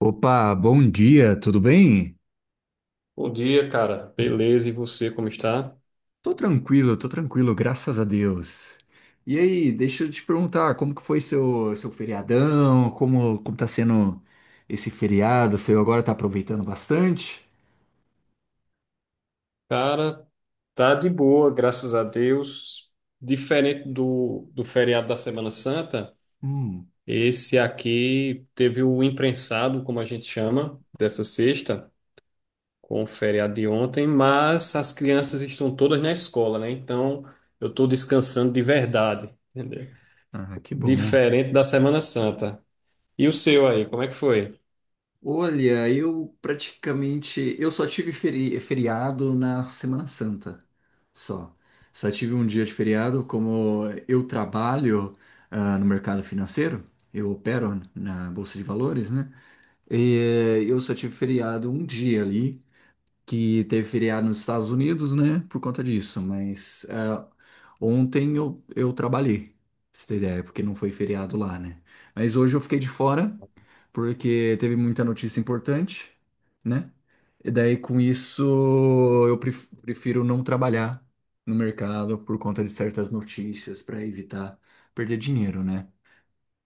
Opa, bom dia, tudo bem? Bom dia, cara. Beleza, e você como está? Tô tranquilo, graças a Deus. E aí, deixa eu te perguntar, como que foi seu feriadão? Como tá sendo esse feriado? Você agora tá aproveitando bastante? Cara, tá de boa, graças a Deus. Diferente do feriado da Semana Santa, Hum, esse aqui teve o imprensado, como a gente chama, dessa sexta, com o feriado de ontem, mas as crianças estão todas na escola, né? Então eu estou descansando de verdade, entendeu? ah, que bom. Diferente da Semana Santa. E o seu aí, como é que foi? Olha, eu praticamente, eu só tive feriado na Semana Santa, só. Só tive um dia de feriado, como eu trabalho, ah, no mercado financeiro, eu opero na Bolsa de Valores, né? E eu só tive feriado um dia ali, que teve feriado nos Estados Unidos, né? Por conta disso. Mas é, ontem eu trabalhei, pra você ter ideia, porque não foi feriado lá, né? Mas hoje eu fiquei de fora, porque teve muita notícia importante, né? E daí com isso eu prefiro não trabalhar no mercado por conta de certas notícias para evitar perder dinheiro, né?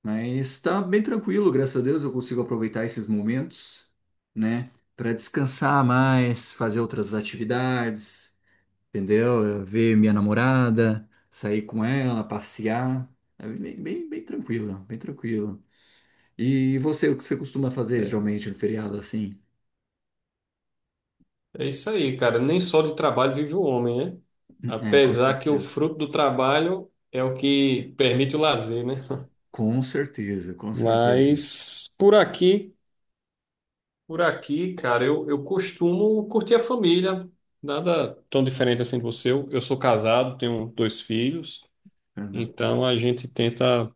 Mas tá bem tranquilo, graças a Deus eu consigo aproveitar esses momentos, né? Pra descansar mais, fazer outras atividades, entendeu? Eu ver minha namorada, sair com ela, passear. É bem, bem, bem tranquilo, bem tranquilo. E você, o que você costuma fazer geralmente no feriado assim? É isso aí, cara. Nem só de trabalho vive o homem, né? É, com Apesar que o certeza. fruto do trabalho é o que permite o lazer, né? Com certeza, com certeza. Mas por aqui, cara, eu costumo curtir a família. Nada tão diferente assim de você. Eu sou casado, tenho dois filhos, Ana. então a gente tenta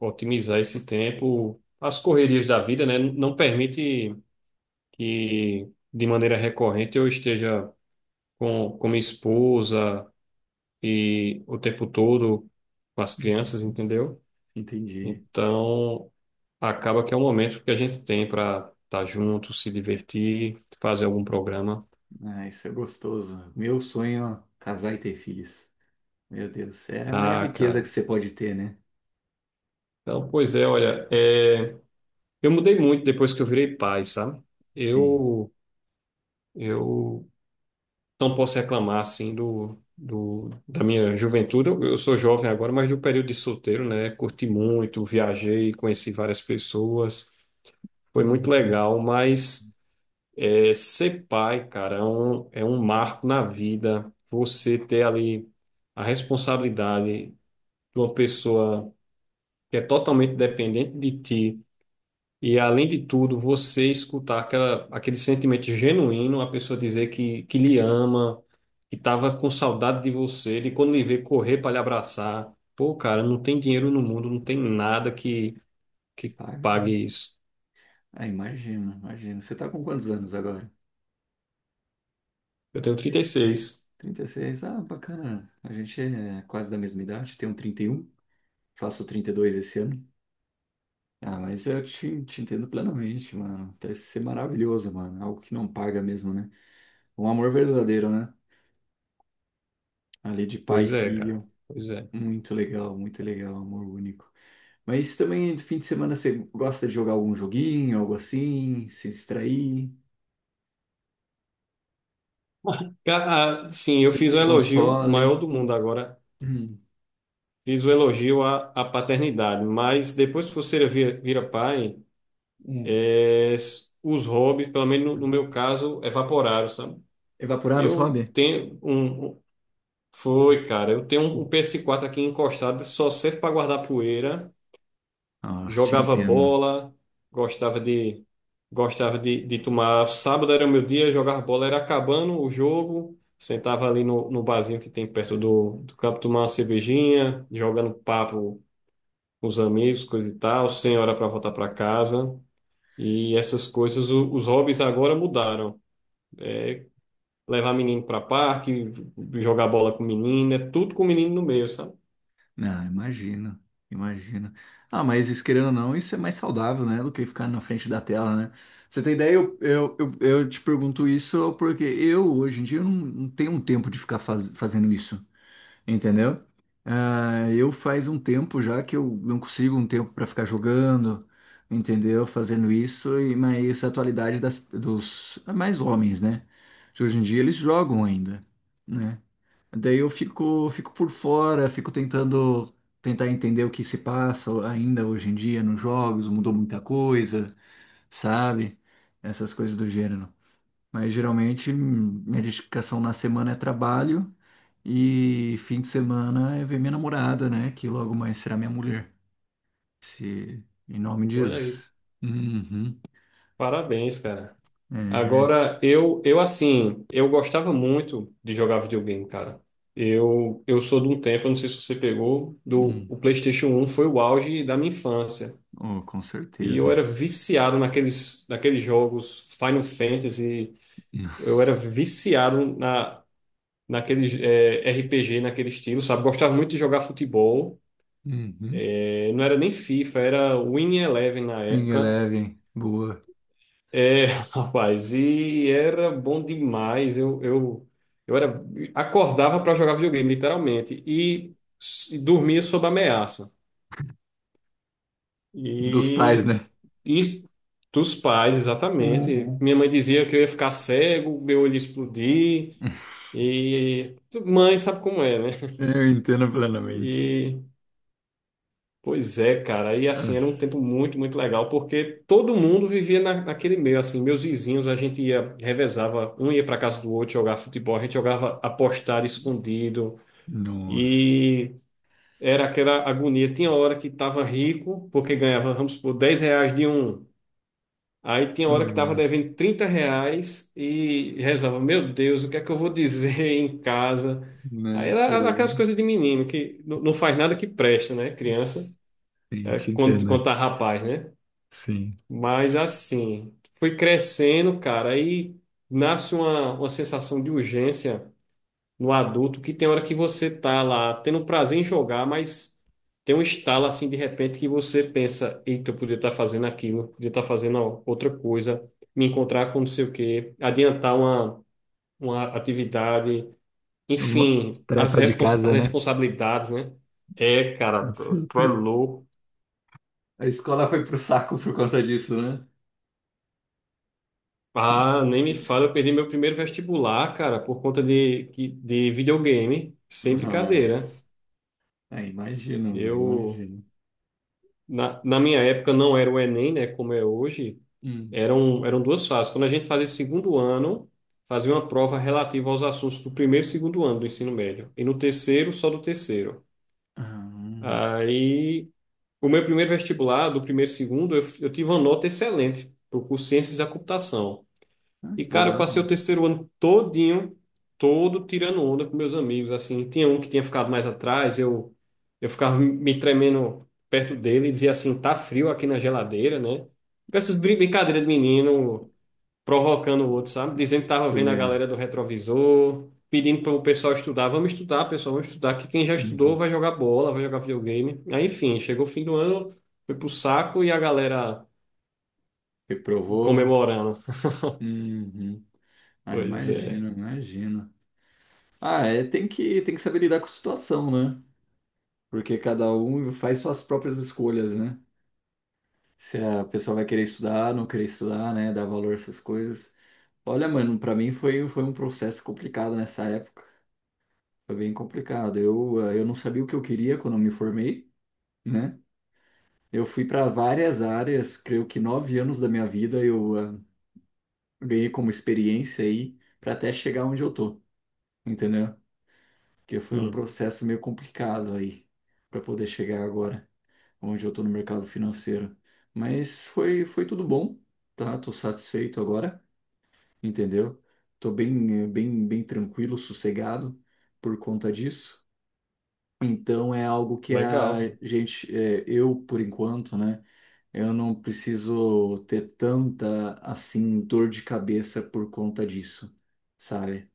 otimizar esse tempo. As correrias da vida, né? Não permite que de maneira recorrente eu esteja com minha esposa e o tempo todo com as crianças, Uhum. entendeu? Entendi. Então, acaba que é um momento que a gente tem para estar junto, se divertir, fazer algum programa. Ah, isso é gostoso. Meu sonho é casar e ter filhos. Meu Deus, é a maior Ah, riqueza que cara. você pode ter, né? Então, pois é, olha, eu mudei muito depois que eu virei pai, sabe? Sim. Eu, eu não posso reclamar, assim, da minha juventude. Eu sou jovem agora, mas do período de solteiro, né? Curti muito, viajei, conheci várias pessoas. Foi muito Uhum. legal, mas... É, ser pai, cara, é um marco na vida. Você ter ali a responsabilidade de uma pessoa que é totalmente dependente de ti. E, além de tudo, você escutar aquele sentimento genuíno, a pessoa dizer que lhe ama, que estava com saudade de você, e quando lhe vê correr para lhe abraçar. Pô, cara, não tem dinheiro no mundo, não tem nada E que paga, pague né? isso. Ah, imagino, imagino. Você tá com quantos anos agora? Eu tenho 36. 36. Ah, bacana. A gente é quase da mesma idade. Tenho 31. Faço 32 esse ano. Ah, mas eu te entendo plenamente, mano. Deve ser maravilhoso, mano. Algo que não paga mesmo, né? Um amor verdadeiro, né? Ali de pai e Pois é, cara. filho. Pois é. Muito legal, muito legal. Amor único. Mas também no fim de semana você gosta de jogar algum joguinho, algo assim, se distrair, Sim, eu você fiz um tem elogio console. maior do mundo agora. Hum. Fiz o elogio à paternidade, mas depois que você vira pai, Hum. Os hobbies, pelo menos no meu caso, evaporaram, sabe? Evaporar os Eu hobbies? tenho um. Um- Foi, cara, eu tenho um Hum. ps quatro aqui encostado, só serve para guardar poeira. Nossa, te Jogava entendo. bola, gostava de gostava de tomar. Sábado era o meu dia, jogava bola, era acabando o jogo, sentava ali no barzinho que tem perto do campo, tomar uma cervejinha, jogando papo com os amigos, coisa e tal, sem hora para voltar para casa. E essas coisas, os hobbies agora mudaram. Levar menino para parque, jogar bola com menino, é tudo com menino no meio, sabe? Não, imagino, imagino. Ah, mas isso, querendo ou não, isso é mais saudável, né, do que ficar na frente da tela, né? Pra você tem ideia? Eu te pergunto isso porque eu, hoje em dia, eu não, não tenho um tempo de ficar fazendo isso. Entendeu? Ah, eu faz um tempo já que eu não consigo um tempo para ficar jogando, entendeu? Fazendo isso, e mas a atualidade dos mais homens, né? De hoje em dia eles jogam ainda, né? Daí eu fico por fora, fico tentando tentar entender o que se passa ainda hoje em dia nos jogos, mudou muita coisa, sabe? Essas coisas do gênero. Mas geralmente minha dedicação na semana é trabalho e fim de semana é ver minha namorada, né? Que logo mais será minha mulher. Se... Em nome de Olha aí, Jesus. Uhum. parabéns, cara. É. Agora, eu assim, eu gostava muito de jogar videogame, cara. Eu sou de um tempo, eu não sei se você pegou, do Hum. o PlayStation um foi o auge da minha infância. Oh, com E eu certeza. era viciado naqueles jogos Final Fantasy, eu era Nossa. viciado naqueles RPG, naquele estilo, sabe? Gostava muito de jogar futebol. Uhum. Não era nem FIFA, era Winning Eleven na Minha época. leve, boa. É, rapaz, e era bom demais. Eu era, acordava para jogar videogame, literalmente, e dormia sob ameaça. Dos pais, E né? isso dos pais, exatamente. Uhum. Minha mãe dizia que eu ia ficar cego, meu olho ia explodir. E mãe sabe como é, né? Eu entendo plenamente. E pois é, cara. E assim, era Ah, um tempo muito, muito legal, porque todo mundo vivia naquele meio, assim, meus vizinhos, a gente ia, revezava, um ia para casa do outro jogar futebol, a gente jogava apostar escondido, nossa. e era aquela agonia. Tinha hora que tava rico, porque ganhava, vamos supor, 10 reais de um. Aí tinha hora que tava Boa. devendo 30 reais e rezava, meu Deus, o que é que eu vou dizer em casa? Aí Né? Que tá era aquelas devendo. coisas de menino, que não não faz nada que presta, né, criança? Sim, É te quando, entendo, quando né? tá rapaz, né? Sim. Mas assim, fui crescendo, cara, aí nasce uma sensação de urgência no adulto, que tem hora que você tá lá tendo prazer em jogar, mas tem um estalo assim de repente que você pensa, eita, eu podia estar fazendo aquilo, podia estar fazendo outra coisa, me encontrar com não sei o quê, adiantar uma atividade, Alguma enfim, tarefa de as casa, né? responsabilidades, né? É, cara, Com tu é certeza. louco. A escola foi pro saco por conta disso, né? Ti- Ah, nem me fala, eu perdi meu primeiro vestibular, cara, por conta de videogame, sem brincadeira. Nossa. É, imagina, mano, Eu, imagina. Na minha época, não era o Enem, né, como é hoje, Hum. Eram duas fases. Quando a gente fazia segundo ano, fazia uma prova relativa aos assuntos do primeiro e segundo ano do ensino médio, e no terceiro, só do terceiro. Ah, Aí, o meu primeiro vestibular, do primeiro e segundo, eu tive uma nota excelente, para o curso Ciências da Computação. ah, E, que cara, eu passei legal. o terceiro ano todinho, todo tirando onda com meus amigos, assim. Tinha um que tinha ficado mais atrás, eu ficava me tremendo perto dele e dizia assim, tá frio aqui na geladeira, né? Com essas brincadeiras de menino, provocando o outro, sabe? Dizendo que tava Tu vendo a ia- galera do retrovisor, pedindo para o pessoal estudar. Vamos estudar, pessoal, vamos estudar, que quem já estudou Uhum. vai jogar bola, vai jogar videogame. Aí, enfim, chegou o fim do ano, foi pro saco e a galera Reprovou. comemorando. Uhum. Ah, Pois é. imagina, imagina. Ah, é, tem que saber lidar com a situação, né? Porque cada um faz suas próprias escolhas, né? Se a pessoa vai querer estudar, não querer estudar, né? Dar valor a essas coisas. Olha, mano, pra mim foi um processo complicado nessa época. Foi bem complicado. Eu, eu não sabia o que eu queria quando eu me formei, né? Eu fui para várias áreas, creio que 9 anos da minha vida eu ganhei como experiência aí para até chegar onde eu tô, entendeu? Porque foi um Hum, processo meio complicado aí para poder chegar agora onde eu tô no mercado financeiro. Mas foi tudo bom, tá? Tô satisfeito agora, entendeu? Tô bem, bem tranquilo, sossegado por conta disso. Então é algo que a legal. gente, é, eu por enquanto, né? Eu não preciso ter tanta assim dor de cabeça por conta disso, sabe?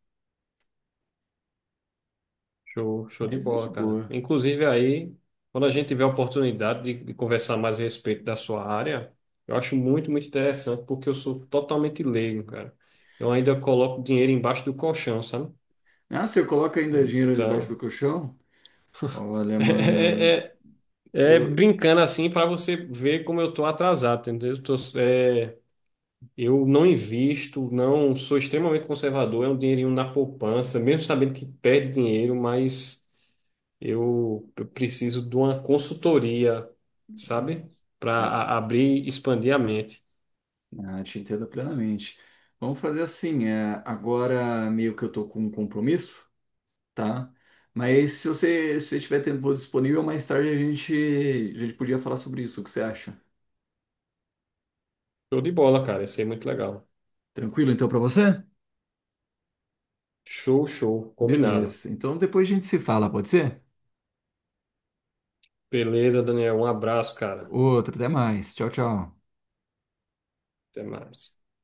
Show, show de Mas é de bola, cara. boa. Inclusive aí, quando a gente tiver a oportunidade de conversar mais a respeito da sua área, eu acho muito, muito interessante, porque eu sou totalmente leigo, cara. Eu ainda coloco dinheiro embaixo do colchão, sabe? Ah, se eu coloco ainda dinheiro debaixo do Então, colchão? Olha, é, mano, é, é eu, brincando assim para você ver como eu tô atrasado, entendeu? Eu não invisto, não sou extremamente conservador, é um dinheirinho na poupança, mesmo sabendo que perde dinheiro, mas eu preciso de uma consultoria, sabe? eu, Para abrir e expandir a mente. Te entendo plenamente. Vamos fazer assim, é, agora meio que eu tô com um compromisso, tá? Mas se você, se você tiver tempo disponível, mais tarde a gente podia falar sobre isso. O que você acha? Show de bola, cara. Isso aí é muito legal. Tranquilo então pra você? Show, show. Combinado. Beleza. Então depois a gente se fala, pode ser? Beleza, Daniel. Um abraço, cara. Outro, até mais. Tchau, tchau. Até mais.